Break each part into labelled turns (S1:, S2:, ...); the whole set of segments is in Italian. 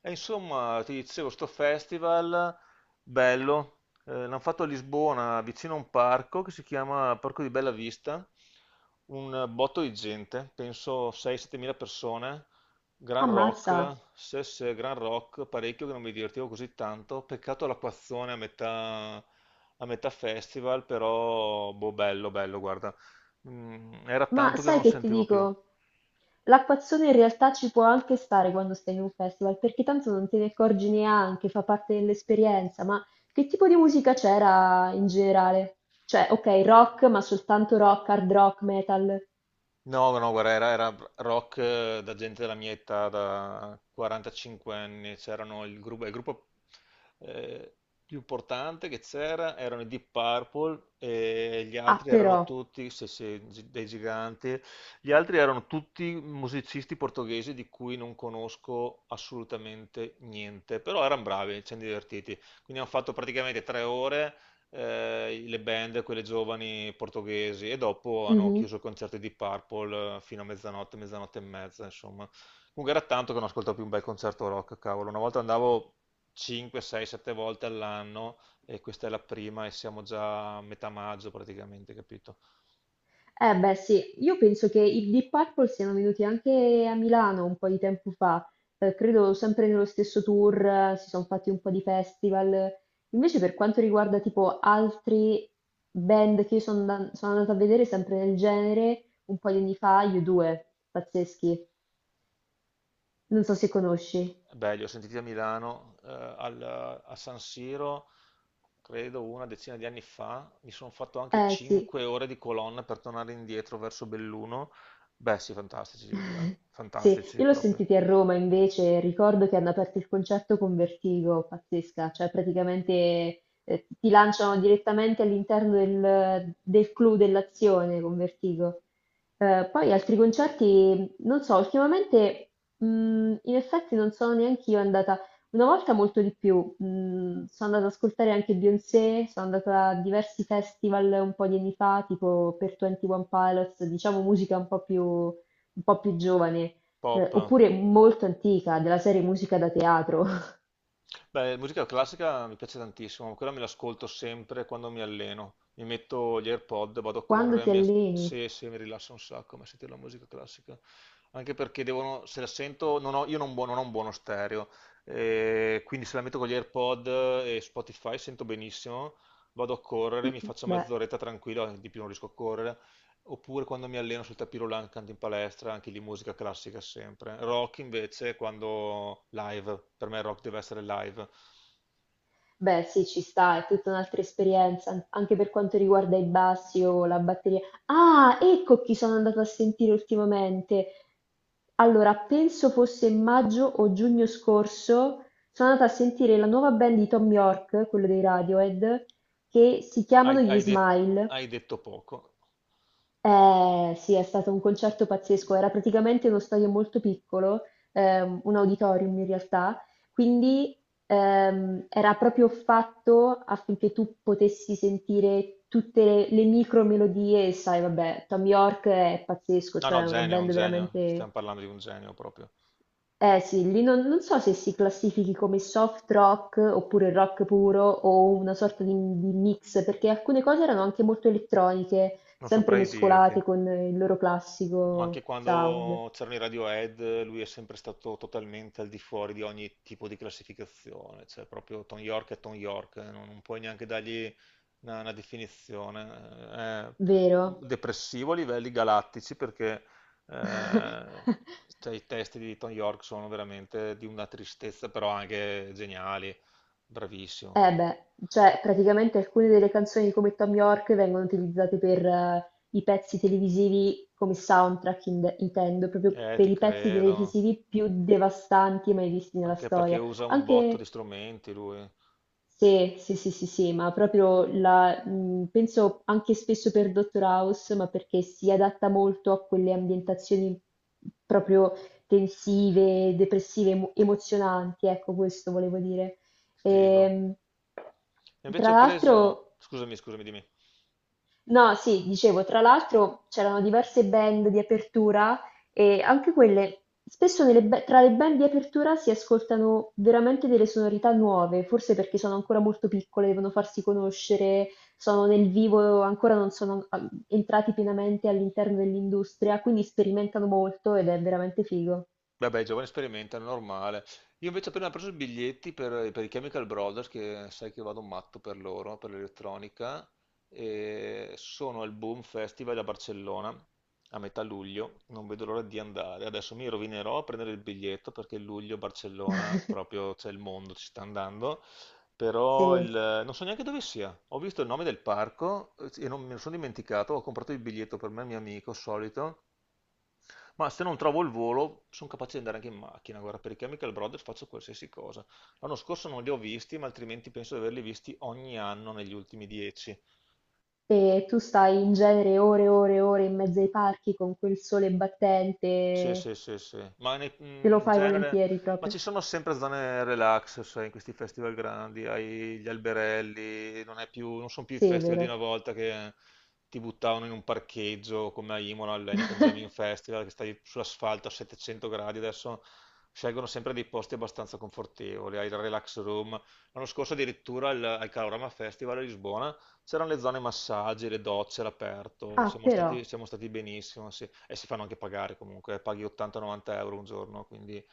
S1: E insomma, ti dicevo, sto festival bello, l'hanno fatto a Lisbona, vicino a un parco che si chiama Parco di Bella Vista, un botto di gente, penso 6-7 mila persone, gran
S2: Ammazza,
S1: rock, se, se, gran rock, parecchio che non mi divertivo così tanto, peccato l'acquazzone a metà festival, però boh, bello, bello, guarda. Era
S2: ma
S1: tanto che
S2: sai
S1: non
S2: che ti
S1: sentivo più.
S2: dico? L'acquazzone in realtà ci può anche stare quando stai in un festival, perché tanto non te ne accorgi neanche, fa parte dell'esperienza, ma che tipo di musica c'era in generale? Cioè, ok, rock, ma soltanto rock, hard rock, metal.
S1: No, no, guarda, era rock da gente della mia età, da 45 anni. C'erano il gruppo, eh, più importante che c'era, erano i Deep Purple e gli
S2: Ah,
S1: altri erano
S2: però.
S1: tutti, sì, sì, dei giganti, gli altri erano tutti musicisti portoghesi di cui non conosco assolutamente niente, però erano bravi, ci siamo divertiti, quindi hanno fatto praticamente 3 ore le band, quelle giovani portoghesi, e dopo hanno
S2: Mhm.
S1: chiuso i concerti di Purple fino a mezzanotte, mezzanotte e mezza, insomma. Comunque era tanto che non ascoltavo più un bel concerto rock, cavolo. Una volta andavo 5, 6, 7 volte all'anno e questa è la prima e siamo già a metà maggio praticamente, capito?
S2: Eh beh sì, io penso che i Deep Purple siano venuti anche a Milano un po' di tempo fa, credo sempre nello stesso tour, si sono fatti un po' di festival. Invece per quanto riguarda tipo altri band che io sono andata a vedere sempre nel genere, un po' di anni fa, U2, pazzeschi, non so se conosci.
S1: Beh, li ho sentiti a Milano, a San Siro, credo una decina di anni fa. Mi sono fatto anche
S2: Eh sì.
S1: 5 ore di colonna per tornare indietro verso Belluno. Beh, sì, fantastici gli U2,
S2: Sì,
S1: fantastici
S2: io l'ho
S1: proprio.
S2: sentiti a Roma invece, ricordo che hanno aperto il concerto con Vertigo, pazzesca, cioè praticamente ti lanciano direttamente all'interno del clou dell'azione con Vertigo. Poi altri concerti, non so, ultimamente mh, in effetti non sono neanche io andata, una volta molto di più, sono andata ad ascoltare anche Beyoncé, sono andata a diversi festival un po' di anni fa, tipo per 21 Pilots, diciamo musica un po' più giovane,
S1: Pop.
S2: oppure molto antica, della serie musica da teatro.
S1: Beh, musica classica mi piace tantissimo, quella me l'ascolto sempre quando mi alleno. Mi metto gli AirPod, vado a
S2: Quando
S1: correre,
S2: ti
S1: mi, as-
S2: alleni?
S1: se, se mi rilassa un sacco, ma sentire la musica classica. Anche perché devono, se la sento, non ho un buono stereo, quindi se la metto con gli AirPod e Spotify sento benissimo, vado a correre, mi
S2: Mm,
S1: faccio
S2: Beh,
S1: mezz'oretta tranquilla, di più non riesco a correre. Oppure quando mi alleno sul tapis roulant, canto in palestra, anche lì musica classica sempre. Rock invece quando live, per me rock deve essere live.
S2: beh, sì, ci sta, è tutta un'altra esperienza, anche per quanto riguarda i bassi o la batteria. Ah, ecco chi sono andato a sentire ultimamente. Allora, penso fosse maggio o giugno scorso, sono andata a sentire la nuova band di Tom York, quello dei Radiohead, che si
S1: Hai,
S2: chiamano gli
S1: hai de-
S2: Smile.
S1: hai detto poco.
S2: Eh sì, è stato un concerto pazzesco, era praticamente uno stadio molto piccolo, un auditorium in realtà, quindi era proprio fatto affinché tu potessi sentire tutte le micro melodie, e sai, vabbè, Tom York è pazzesco,
S1: No, no,
S2: cioè è una
S1: genio, un
S2: band
S1: genio, stiamo
S2: veramente.
S1: parlando di un genio proprio.
S2: Eh sì, lì non so se si classifichi come soft rock oppure rock puro o una sorta di mix, perché alcune cose erano anche molto elettroniche,
S1: Non
S2: sempre
S1: saprei dirti.
S2: mescolate con il loro
S1: Ma anche
S2: classico sound,
S1: quando c'erano i Radiohead, lui è sempre stato totalmente al di fuori di ogni tipo di classificazione, cioè proprio Tom York è Tom York, non puoi neanche dargli una definizione. È
S2: vero?
S1: depressivo a livelli galattici perché eh, cioè, i testi di Tom York sono veramente di una tristezza, però anche geniali, bravissimo.
S2: Eh beh, cioè praticamente alcune delle canzoni come Tom York vengono utilizzate per i pezzi televisivi come soundtrack, intendo, proprio per
S1: Ti
S2: i pezzi
S1: credo,
S2: televisivi più devastanti mai visti nella
S1: anche perché
S2: storia.
S1: usa un botto di
S2: Anche
S1: strumenti lui,
S2: Sì, sì, sì, sì, sì, ma proprio la, penso anche spesso per Dottor House, ma perché si adatta molto a quelle ambientazioni proprio tensive, depressive, emozionanti, ecco, questo volevo dire.
S1: figo.
S2: Ehm,
S1: Invece
S2: tra
S1: ho
S2: l'altro.
S1: preso, scusami, scusami, dimmi.
S2: No, sì, dicevo, tra l'altro c'erano diverse band di apertura e anche quelle, spesso tra le band di apertura si ascoltano veramente delle sonorità nuove, forse perché sono ancora molto piccole, devono farsi conoscere, sono nel vivo, ancora non sono entrati pienamente all'interno dell'industria, quindi sperimentano molto ed è veramente figo.
S1: Vabbè, i giovani sperimentano, normale. Io invece ho appena preso i biglietti per i Chemical Brothers, che sai che vado matto per loro, per l'elettronica, e sono al Boom Festival a Barcellona a metà luglio, non vedo l'ora di andare. Adesso mi rovinerò a prendere il biglietto perché luglio Barcellona proprio c'è il mondo, ci sta andando. Però
S2: Sì.
S1: non so neanche dove sia. Ho visto il nome del parco sì, e non me ne sono dimenticato, ho comprato il biglietto per me e il mio amico solito, ma se non trovo il volo sono capace di andare anche in macchina, guarda, per i Chemical Brothers faccio qualsiasi cosa. L'anno scorso non li ho visti, ma altrimenti penso di averli visti ogni anno negli ultimi 10.
S2: E tu stai in genere ore e ore e ore in mezzo ai parchi con quel sole
S1: Sì,
S2: battente,
S1: sì, sì, sì. Ma
S2: te lo
S1: in
S2: fai
S1: genere,
S2: volentieri
S1: ma
S2: proprio.
S1: ci sono sempre zone relax, sai, in questi festival grandi, hai gli alberelli, non sono più i festival di
S2: Severo.
S1: una volta che ti buttavano in un parcheggio come a Imola, all'Heineken Jamming Festival, che stai sull'asfalto a 700 gradi. Adesso scelgono sempre dei posti abbastanza confortevoli, hai il relax room. L'anno scorso addirittura al Calorama Festival a Lisbona c'erano le zone massaggi, le docce all'aperto,
S2: Ah,
S1: siamo stati,
S2: però.
S1: siamo stati benissimo, sì. E si fanno anche pagare comunque, paghi 80-90 euro un giorno, quindi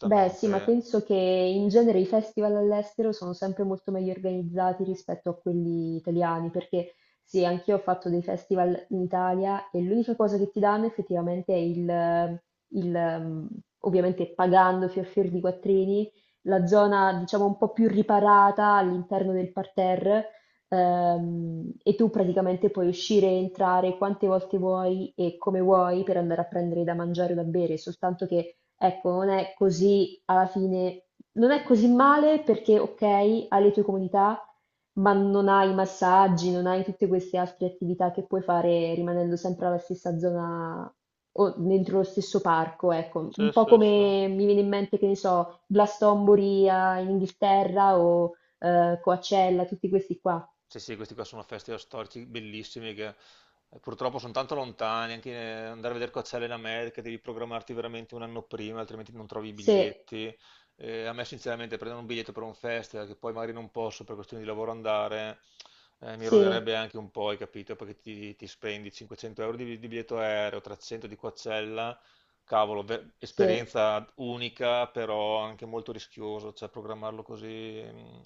S2: Beh, sì, ma penso che in genere i festival all'estero sono sempre molto meglio organizzati rispetto a quelli italiani, perché sì, anch'io ho fatto dei festival in Italia e l'unica cosa che ti danno effettivamente è il, ovviamente pagando fior fior di quattrini, la zona diciamo un po' più riparata all'interno del parterre, e tu praticamente puoi uscire e entrare quante volte vuoi e come vuoi per andare a prendere da mangiare o da bere, soltanto che ecco, non è così alla fine, non è così male perché, ok, hai le tue comodità, ma non hai i massaggi, non hai tutte queste altre attività che puoi fare rimanendo sempre alla stessa zona o dentro lo stesso parco, ecco. Un
S1: Sì,
S2: po'
S1: sì, sì.
S2: come mi viene in mente, che ne so, Glastonbury in Inghilterra o Coachella, tutti questi qua.
S1: Sì, sì, questi qua sono festival storici bellissimi che purtroppo sono tanto lontani, anche andare a vedere Coachella in America devi programmarti veramente un anno prima, altrimenti non trovi i
S2: Se,
S1: biglietti. A me sinceramente prendere un biglietto per un festival che poi magari non posso per questioni di lavoro andare, mi
S2: se,
S1: roderebbe anche un po', hai capito? Perché ti spendi 500 euro di biglietto aereo, 300 di Coachella cavolo,
S2: se.
S1: esperienza unica, però anche molto rischioso, cioè programmarlo così. Mh.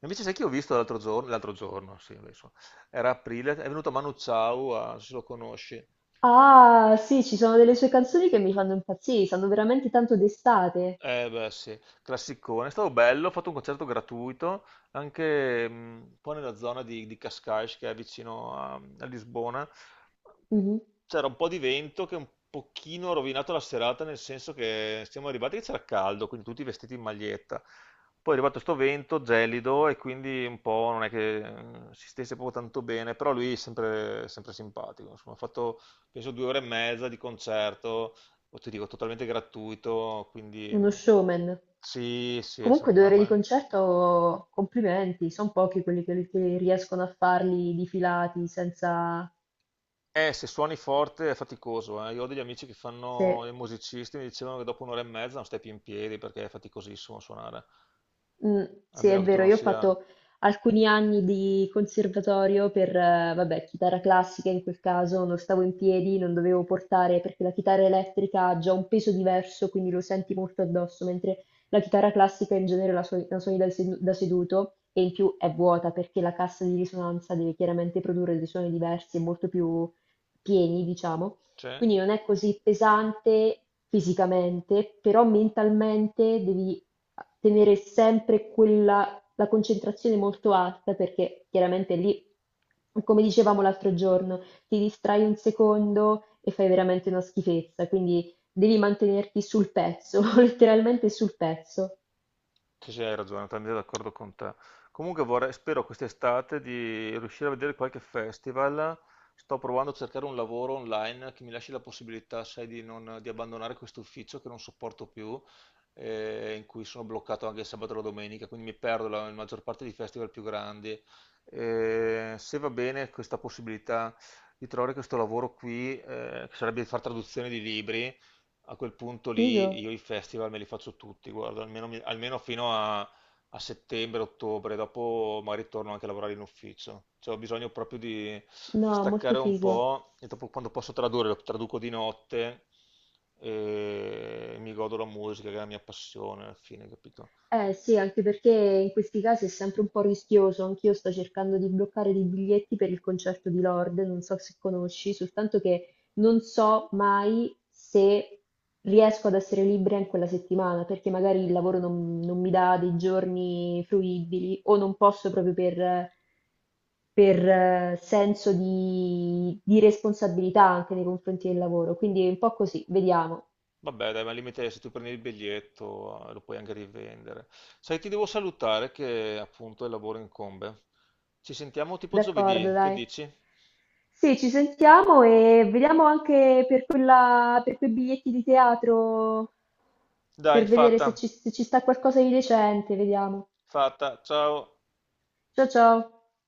S1: Invece sai che ho visto l'altro giorno, sì, adesso, era aprile, è venuto Manu Chao, non so se lo conosci.
S2: Ah, sì, ci sono delle sue canzoni che mi fanno impazzire, sanno veramente tanto d'estate.
S1: Eh beh sì, classicone, è stato bello, ho fatto un concerto gratuito anche un po' nella zona di Cascais che è vicino a Lisbona.
S2: Mh-mh.
S1: C'era un po' di vento che un pochino ha rovinato la serata nel senso che siamo arrivati che c'era caldo, quindi tutti vestiti in maglietta. Poi è arrivato sto vento gelido e quindi un po' non è che si stesse proprio tanto bene, però lui è sempre, sempre simpatico. Insomma, ho fatto penso 2 ore e mezza di concerto o ti dico totalmente gratuito, quindi
S2: Uno showman.
S1: sì, sì, è sor-
S2: Comunque 2 ore di
S1: ma-
S2: concerto, complimenti, son pochi quelli che riescono a farli di filati senza
S1: se suoni forte è faticoso, eh. Io ho degli amici che fanno
S2: sì.
S1: i musicisti, mi dicevano che dopo un'ora e mezza non stai più in piedi perché è faticosissimo suonare,
S2: Mm,
S1: a
S2: sì,
S1: meno
S2: è
S1: che tu
S2: vero,
S1: non
S2: io ho
S1: sia.
S2: fatto alcuni anni di conservatorio per, vabbè, chitarra classica in quel caso, non stavo in piedi, non dovevo portare perché la chitarra elettrica ha già un peso diverso, quindi lo senti molto addosso, mentre la chitarra classica in genere la suoni da seduto e in più è vuota perché la cassa di risonanza deve chiaramente produrre dei suoni diversi e molto più pieni, diciamo.
S1: C'è?
S2: Quindi non è così pesante fisicamente, però mentalmente devi tenere sempre la concentrazione molto alta perché chiaramente lì, come dicevamo l'altro giorno, ti distrai un secondo e fai veramente una schifezza, quindi devi mantenerti sul pezzo, letteralmente sul pezzo.
S1: Sì, sì, hai ragione, sono d'accordo con te. Comunque vorrei, spero quest'estate di riuscire a vedere qualche festival. Sto provando a cercare un lavoro online che mi lasci la possibilità, sai, di, non- di abbandonare questo ufficio che non sopporto più, in cui sono bloccato anche il sabato e la domenica, quindi mi perdo la maggior parte dei festival più grandi. Se va bene questa possibilità di trovare questo lavoro qui, che sarebbe di fare traduzione di libri, a quel punto
S2: Figo?
S1: lì io i festival me li faccio tutti, guarda, almeno fino a settembre, ottobre, dopo magari torno anche a lavorare in ufficio. Cioè, ho bisogno proprio di
S2: No, molto
S1: staccare un
S2: figo.
S1: po' e dopo quando posso tradurre, lo traduco di notte e mi godo la musica, che è la mia passione alla fine, capito?
S2: Eh sì, anche perché in questi casi è sempre un po' rischioso. Anch'io sto cercando di bloccare dei biglietti per il concerto di Lord, non so se conosci, soltanto che non so mai se riesco ad essere libera in quella settimana, perché magari il lavoro non mi dà dei giorni fruibili o non posso proprio per, per, senso di responsabilità anche nei confronti del lavoro. Quindi è un po' così, vediamo.
S1: Vabbè, dai, ma al limite se tu prendi il biglietto lo puoi anche rivendere. Sai, ti devo salutare che appunto il lavoro incombe. Ci sentiamo tipo
S2: D'accordo,
S1: giovedì, che
S2: dai.
S1: dici?
S2: Sì, ci sentiamo e vediamo anche per quella, per quei biglietti di teatro,
S1: Dai,
S2: per vedere se
S1: fatta,
S2: ci, se ci sta qualcosa di decente, vediamo.
S1: fatta. Ciao.
S2: Ciao ciao.